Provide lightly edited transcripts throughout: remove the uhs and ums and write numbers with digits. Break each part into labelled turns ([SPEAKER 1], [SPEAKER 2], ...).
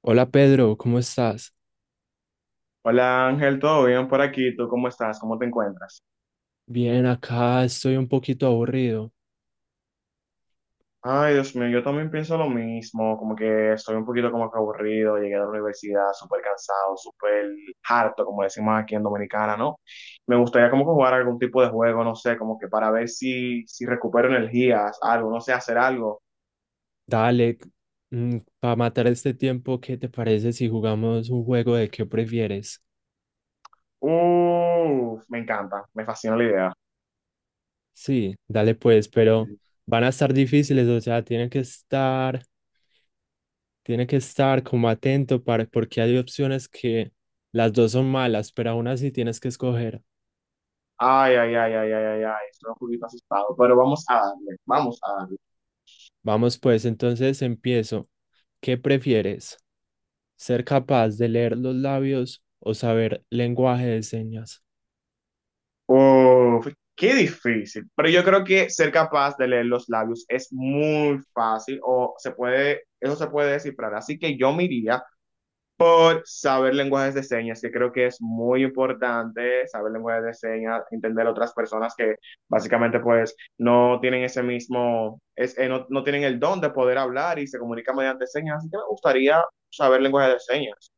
[SPEAKER 1] Hola Pedro, ¿cómo estás?
[SPEAKER 2] Hola Ángel, ¿todo bien por aquí? ¿Tú cómo estás? ¿Cómo te encuentras?
[SPEAKER 1] Bien, acá estoy un poquito aburrido.
[SPEAKER 2] Ay, Dios mío, yo también pienso lo mismo, como que estoy un poquito como que aburrido, llegué a la universidad súper cansado, súper harto, como decimos aquí en Dominicana, ¿no? Me gustaría como que jugar algún tipo de juego, no sé, como que para ver si recupero energías, algo, no sé, hacer algo.
[SPEAKER 1] Dale, para matar este tiempo, ¿qué te parece si jugamos un juego de qué prefieres?
[SPEAKER 2] Uf, me encanta, me fascina la idea.
[SPEAKER 1] Sí, dale pues, pero van a estar difíciles, o sea, tiene que estar como atento para, porque hay opciones que las dos son malas, pero aún así tienes que escoger.
[SPEAKER 2] Ay, ay, ay, ay, ay, ay, ay, estoy un poquito asustado, pero vamos a darle, vamos a darle.
[SPEAKER 1] Vamos pues, entonces empiezo. ¿Qué prefieres? ¿Ser capaz de leer los labios o saber lenguaje de señas?
[SPEAKER 2] Uf, qué difícil. Pero yo creo que ser capaz de leer los labios es muy fácil o se puede, eso se puede descifrar. Así que yo me iría por saber lenguajes de señas, que creo que es muy importante saber lenguajes de señas, entender a otras personas que básicamente pues no tienen ese mismo, es, no tienen el don de poder hablar y se comunican mediante señas. Así que me gustaría saber lenguajes de señas.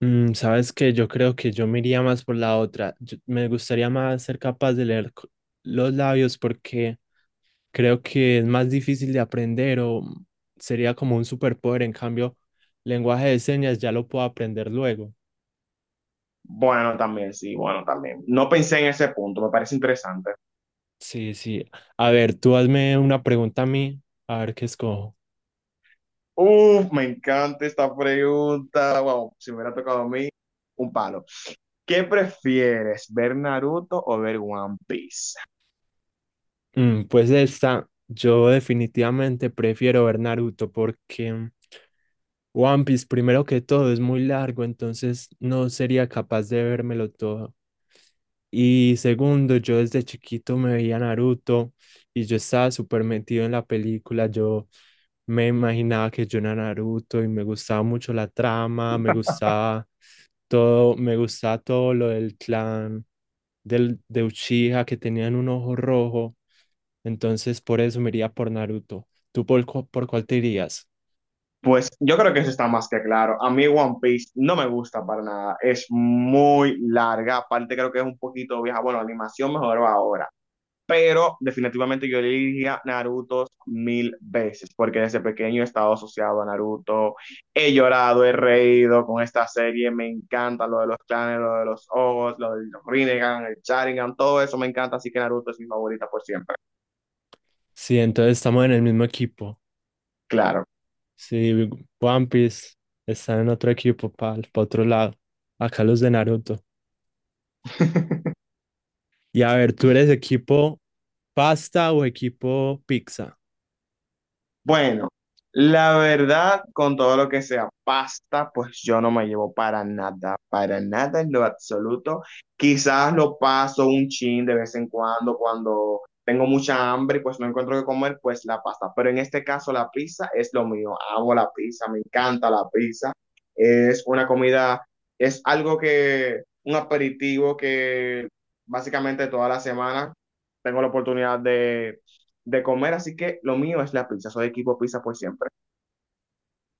[SPEAKER 1] Sabes que yo creo que yo me iría más por la otra. Me gustaría más ser capaz de leer los labios porque creo que es más difícil de aprender o sería como un superpoder. En cambio, lenguaje de señas ya lo puedo aprender luego.
[SPEAKER 2] Bueno, también, sí, bueno, también. No pensé en ese punto, me parece interesante.
[SPEAKER 1] Sí, sí. A ver, tú hazme una pregunta a mí, a ver qué escojo.
[SPEAKER 2] Uf, me encanta esta pregunta. Wow, si me hubiera tocado a mí, un palo. ¿Qué prefieres, ver Naruto o ver One Piece?
[SPEAKER 1] Mm, pues esta, yo definitivamente prefiero ver Naruto porque One Piece, primero que todo, es muy largo, entonces no sería capaz de vérmelo todo. Y segundo, yo desde chiquito me veía Naruto y yo estaba súper metido en la película. Yo me imaginaba que yo era Naruto y me gustaba mucho la trama, me gustaba todo lo del clan de Uchiha que tenían un ojo rojo. Entonces, por eso me iría por Naruto. ¿ Por cuál te irías?
[SPEAKER 2] Pues yo creo que eso está más que claro. A mí One Piece no me gusta para nada. Es muy larga. Aparte creo que es un poquito vieja. Bueno, la animación mejoró ahora, pero definitivamente yo elegiría Naruto mil veces, porque desde pequeño he estado asociado a Naruto, he llorado, he reído con esta serie, me encanta lo de los clanes, lo de los ojos, lo del Rinnegan, el Sharingan, todo eso me encanta, así que Naruto es mi favorita por siempre,
[SPEAKER 1] Sí, entonces estamos en el mismo equipo.
[SPEAKER 2] claro.
[SPEAKER 1] Sí, One Piece está en otro equipo, para otro lado. Acá los de Naruto. Y a ver, ¿tú eres equipo pasta o equipo pizza?
[SPEAKER 2] Bueno, la verdad, con todo lo que sea pasta, pues yo no me llevo para nada en lo absoluto. Quizás lo paso un chin de vez en cuando, cuando tengo mucha hambre y pues no encuentro qué comer, pues la pasta. Pero en este caso, la pizza es lo mío. Amo la pizza, me encanta la pizza. Es una comida, es algo que, un aperitivo que básicamente toda la semana tengo la oportunidad de comer, así que lo mío es la pizza, soy equipo pizza por siempre.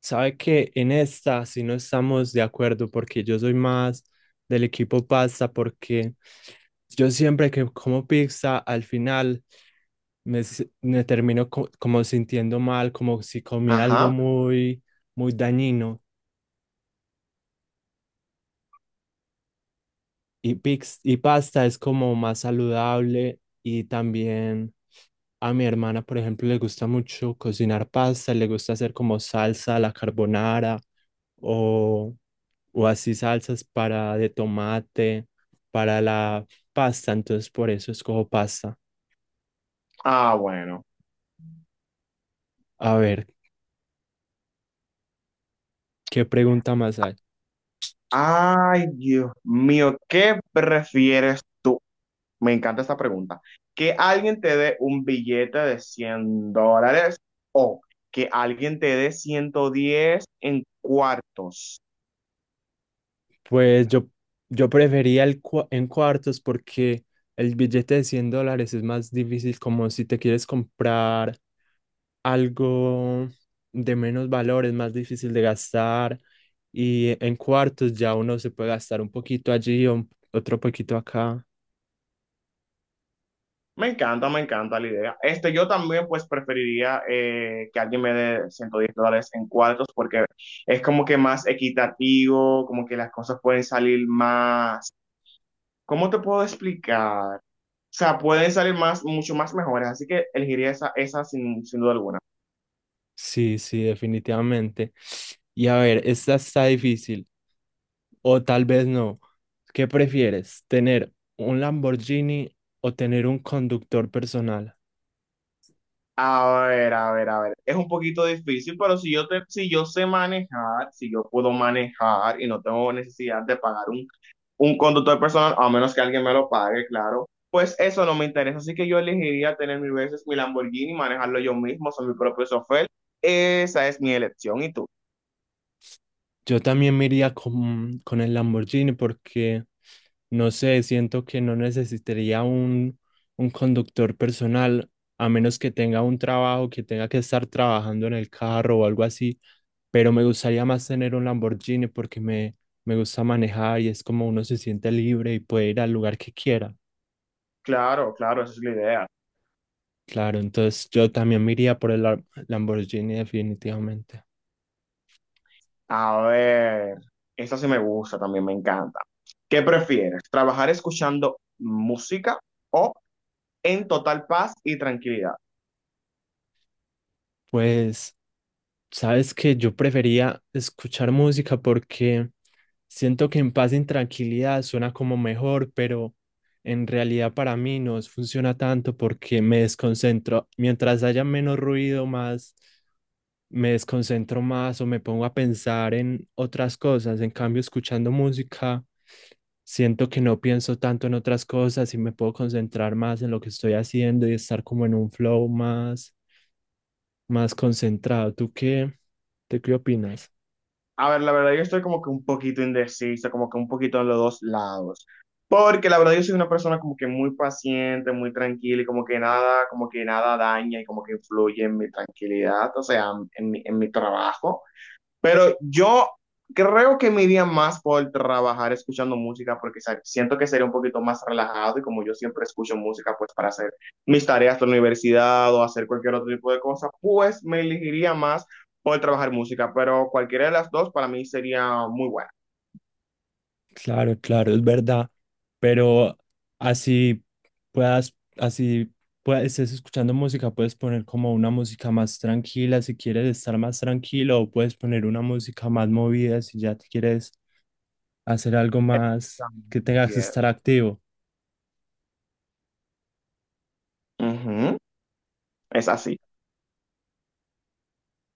[SPEAKER 1] Sabe que en esta sí no estamos de acuerdo porque yo soy más del equipo pasta porque yo siempre que como pizza al final me termino como sintiendo mal, como si comí algo
[SPEAKER 2] Ajá.
[SPEAKER 1] muy, muy dañino. Y pasta es como más saludable y también a mi hermana, por ejemplo, le gusta mucho cocinar pasta, le gusta hacer como salsa a la carbonara o, o así salsas para de tomate, para la pasta, entonces por eso escojo pasta.
[SPEAKER 2] Ah, bueno.
[SPEAKER 1] A ver, ¿qué pregunta más hay?
[SPEAKER 2] Ay, Dios mío, ¿qué prefieres tú? Me encanta esta pregunta. ¿Que alguien te dé un billete de $100 o que alguien te dé 110 en cuartos?
[SPEAKER 1] Pues yo, yo prefería en cuartos porque el billete de $100 es más difícil como si te quieres comprar algo de menos valor, es más difícil de gastar y en cuartos ya uno se puede gastar un poquito allí o otro poquito acá.
[SPEAKER 2] Me encanta la idea. Este, yo también pues preferiría que alguien me dé $110 en cuartos porque es como que más equitativo, como que las cosas pueden salir más. ¿Cómo te puedo explicar? O sea, pueden salir más, mucho más mejores, así que elegiría esa, esa sin duda alguna.
[SPEAKER 1] Sí, sí, definitivamente. Y a ver, esta está difícil o tal vez no. ¿Qué prefieres? ¿Tener un Lamborghini o tener un conductor personal?
[SPEAKER 2] A ver, a ver, a ver. Es un poquito difícil, pero si yo sé manejar, si yo puedo manejar y no tengo necesidad de pagar un conductor personal, a menos que alguien me lo pague, claro, pues eso no me interesa. Así que yo elegiría tener mil veces mi Lamborghini, manejarlo yo mismo, soy mi propio software. Esa es mi elección y tú.
[SPEAKER 1] Yo también me iría con el Lamborghini porque, no sé, siento que no necesitaría un conductor personal, a menos que tenga un trabajo, que tenga que estar trabajando en el carro o algo así, pero me gustaría más tener un Lamborghini porque me gusta manejar y es como uno se siente libre y puede ir al lugar que quiera.
[SPEAKER 2] Claro, claro, esa es la idea.
[SPEAKER 1] Claro, entonces yo también me iría por el Lamborghini definitivamente.
[SPEAKER 2] A ver, esa sí me gusta, también me encanta. ¿Qué prefieres? ¿Trabajar escuchando música o en total paz y tranquilidad?
[SPEAKER 1] Pues... Sabes que yo prefería escuchar música porque siento que en paz y en tranquilidad suena como mejor, pero en realidad para mí no funciona tanto porque me desconcentro. Mientras haya menos ruido, más me desconcentro más o me pongo a pensar en otras cosas. En cambio, escuchando música, siento que no pienso tanto en otras cosas y me puedo concentrar más en lo que estoy haciendo y estar como en un flow más concentrado. ¿ tú qué opinas?
[SPEAKER 2] A ver, la verdad yo estoy como que un poquito indecisa, como que un poquito en los dos lados. Porque la verdad yo soy una persona como que muy paciente, muy tranquila y como que nada daña y como que influye en mi tranquilidad, o sea, en mi trabajo. Pero yo creo que me iría más por trabajar escuchando música porque siento que sería un poquito más relajado y como yo siempre escucho música pues para hacer mis tareas de la universidad o hacer cualquier otro tipo de cosa, pues me elegiría más por trabajar música, pero cualquiera de las dos para mí sería muy buena.
[SPEAKER 1] Claro, claro, es verdad, pero así así puedas, estés escuchando música, puedes poner como una música más tranquila si quieres estar más tranquilo, o puedes poner una música más movida si ya te quieres hacer algo más
[SPEAKER 2] También.
[SPEAKER 1] que tengas que estar
[SPEAKER 2] Yes.
[SPEAKER 1] activo.
[SPEAKER 2] Ujú, es así.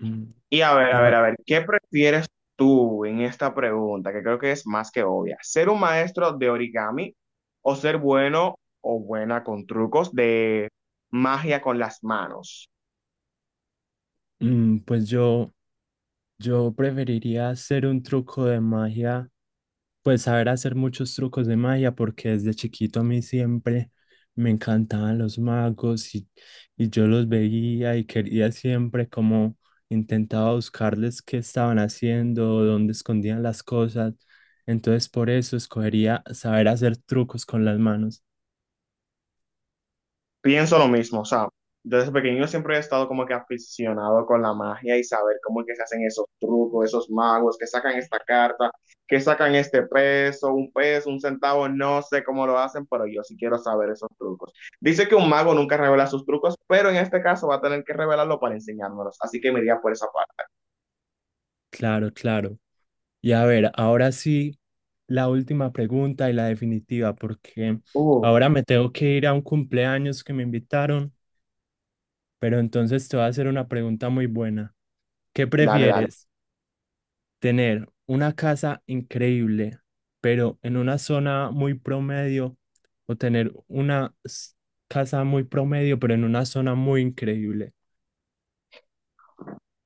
[SPEAKER 1] Mm,
[SPEAKER 2] Y a ver, a ver,
[SPEAKER 1] Ya,
[SPEAKER 2] a ver, ¿qué prefieres tú en esta pregunta? Que creo que es más que obvia. ¿Ser un maestro de origami o ser bueno o buena con trucos de magia con las manos?
[SPEAKER 1] mm, pues yo, yo preferiría hacer un truco de magia. Pues saber hacer muchos trucos de magia, porque desde chiquito a mí siempre me encantaban los magos y yo los veía y quería siempre como intentaba buscarles qué estaban haciendo, dónde escondían las cosas. Entonces por eso escogería saber hacer trucos con las manos.
[SPEAKER 2] Pienso lo mismo, o sea, desde pequeño siempre he estado como que aficionado con la magia y saber cómo es que se hacen esos trucos, esos magos, que sacan esta carta, que sacan este peso, un centavo, no sé cómo lo hacen, pero yo sí quiero saber esos trucos. Dice que un mago nunca revela sus trucos, pero en este caso va a tener que revelarlo para enseñármelos, así que me iría por esa parte.
[SPEAKER 1] Claro, claro. Y a ver, ahora sí, la última pregunta y la definitiva, porque
[SPEAKER 2] Uh,
[SPEAKER 1] ahora me tengo que ir a un cumpleaños que me invitaron. Pero entonces te voy a hacer una pregunta muy buena. ¿Qué
[SPEAKER 2] dale, dale.
[SPEAKER 1] prefieres? ¿Tener una casa increíble, pero en una zona muy promedio? ¿O tener una casa muy promedio, pero en una zona muy increíble?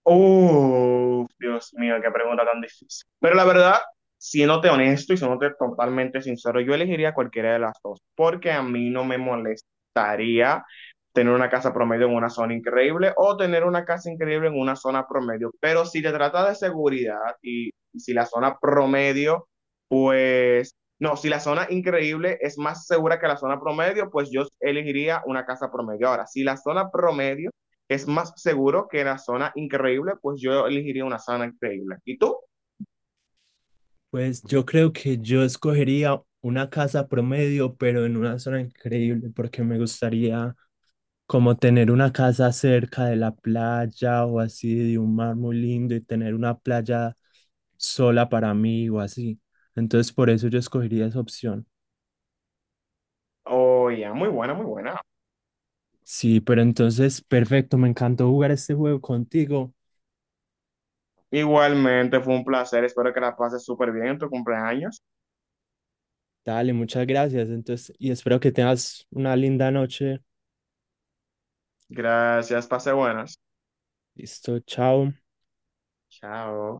[SPEAKER 2] Oh, Dios mío, qué pregunta tan difícil. Pero la verdad, siéndote honesto y siéndote totalmente sincero, yo elegiría cualquiera de las dos, porque a mí no me molestaría tener una casa promedio en una zona increíble o tener una casa increíble en una zona promedio. Pero si te trata de seguridad y si la zona promedio pues, no, si la zona increíble es más segura que la zona promedio, pues yo elegiría una casa promedio. Ahora, si la zona promedio es más seguro que la zona increíble, pues yo elegiría una zona increíble. ¿Y tú?
[SPEAKER 1] Pues yo creo que yo escogería una casa promedio, pero en una zona increíble, porque me gustaría como tener una casa cerca de la playa o así de un mar muy lindo y tener una playa sola para mí o así. Entonces por eso yo escogería esa opción.
[SPEAKER 2] Oh, ya, muy buena, muy buena.
[SPEAKER 1] Sí, pero entonces perfecto, me encantó jugar este juego contigo.
[SPEAKER 2] Igualmente, fue un placer. Espero que la pases súper bien en tu cumpleaños.
[SPEAKER 1] Dale, muchas gracias. Entonces, y espero que tengas una linda noche.
[SPEAKER 2] Gracias, pase buenas.
[SPEAKER 1] Listo, chao.
[SPEAKER 2] Chao.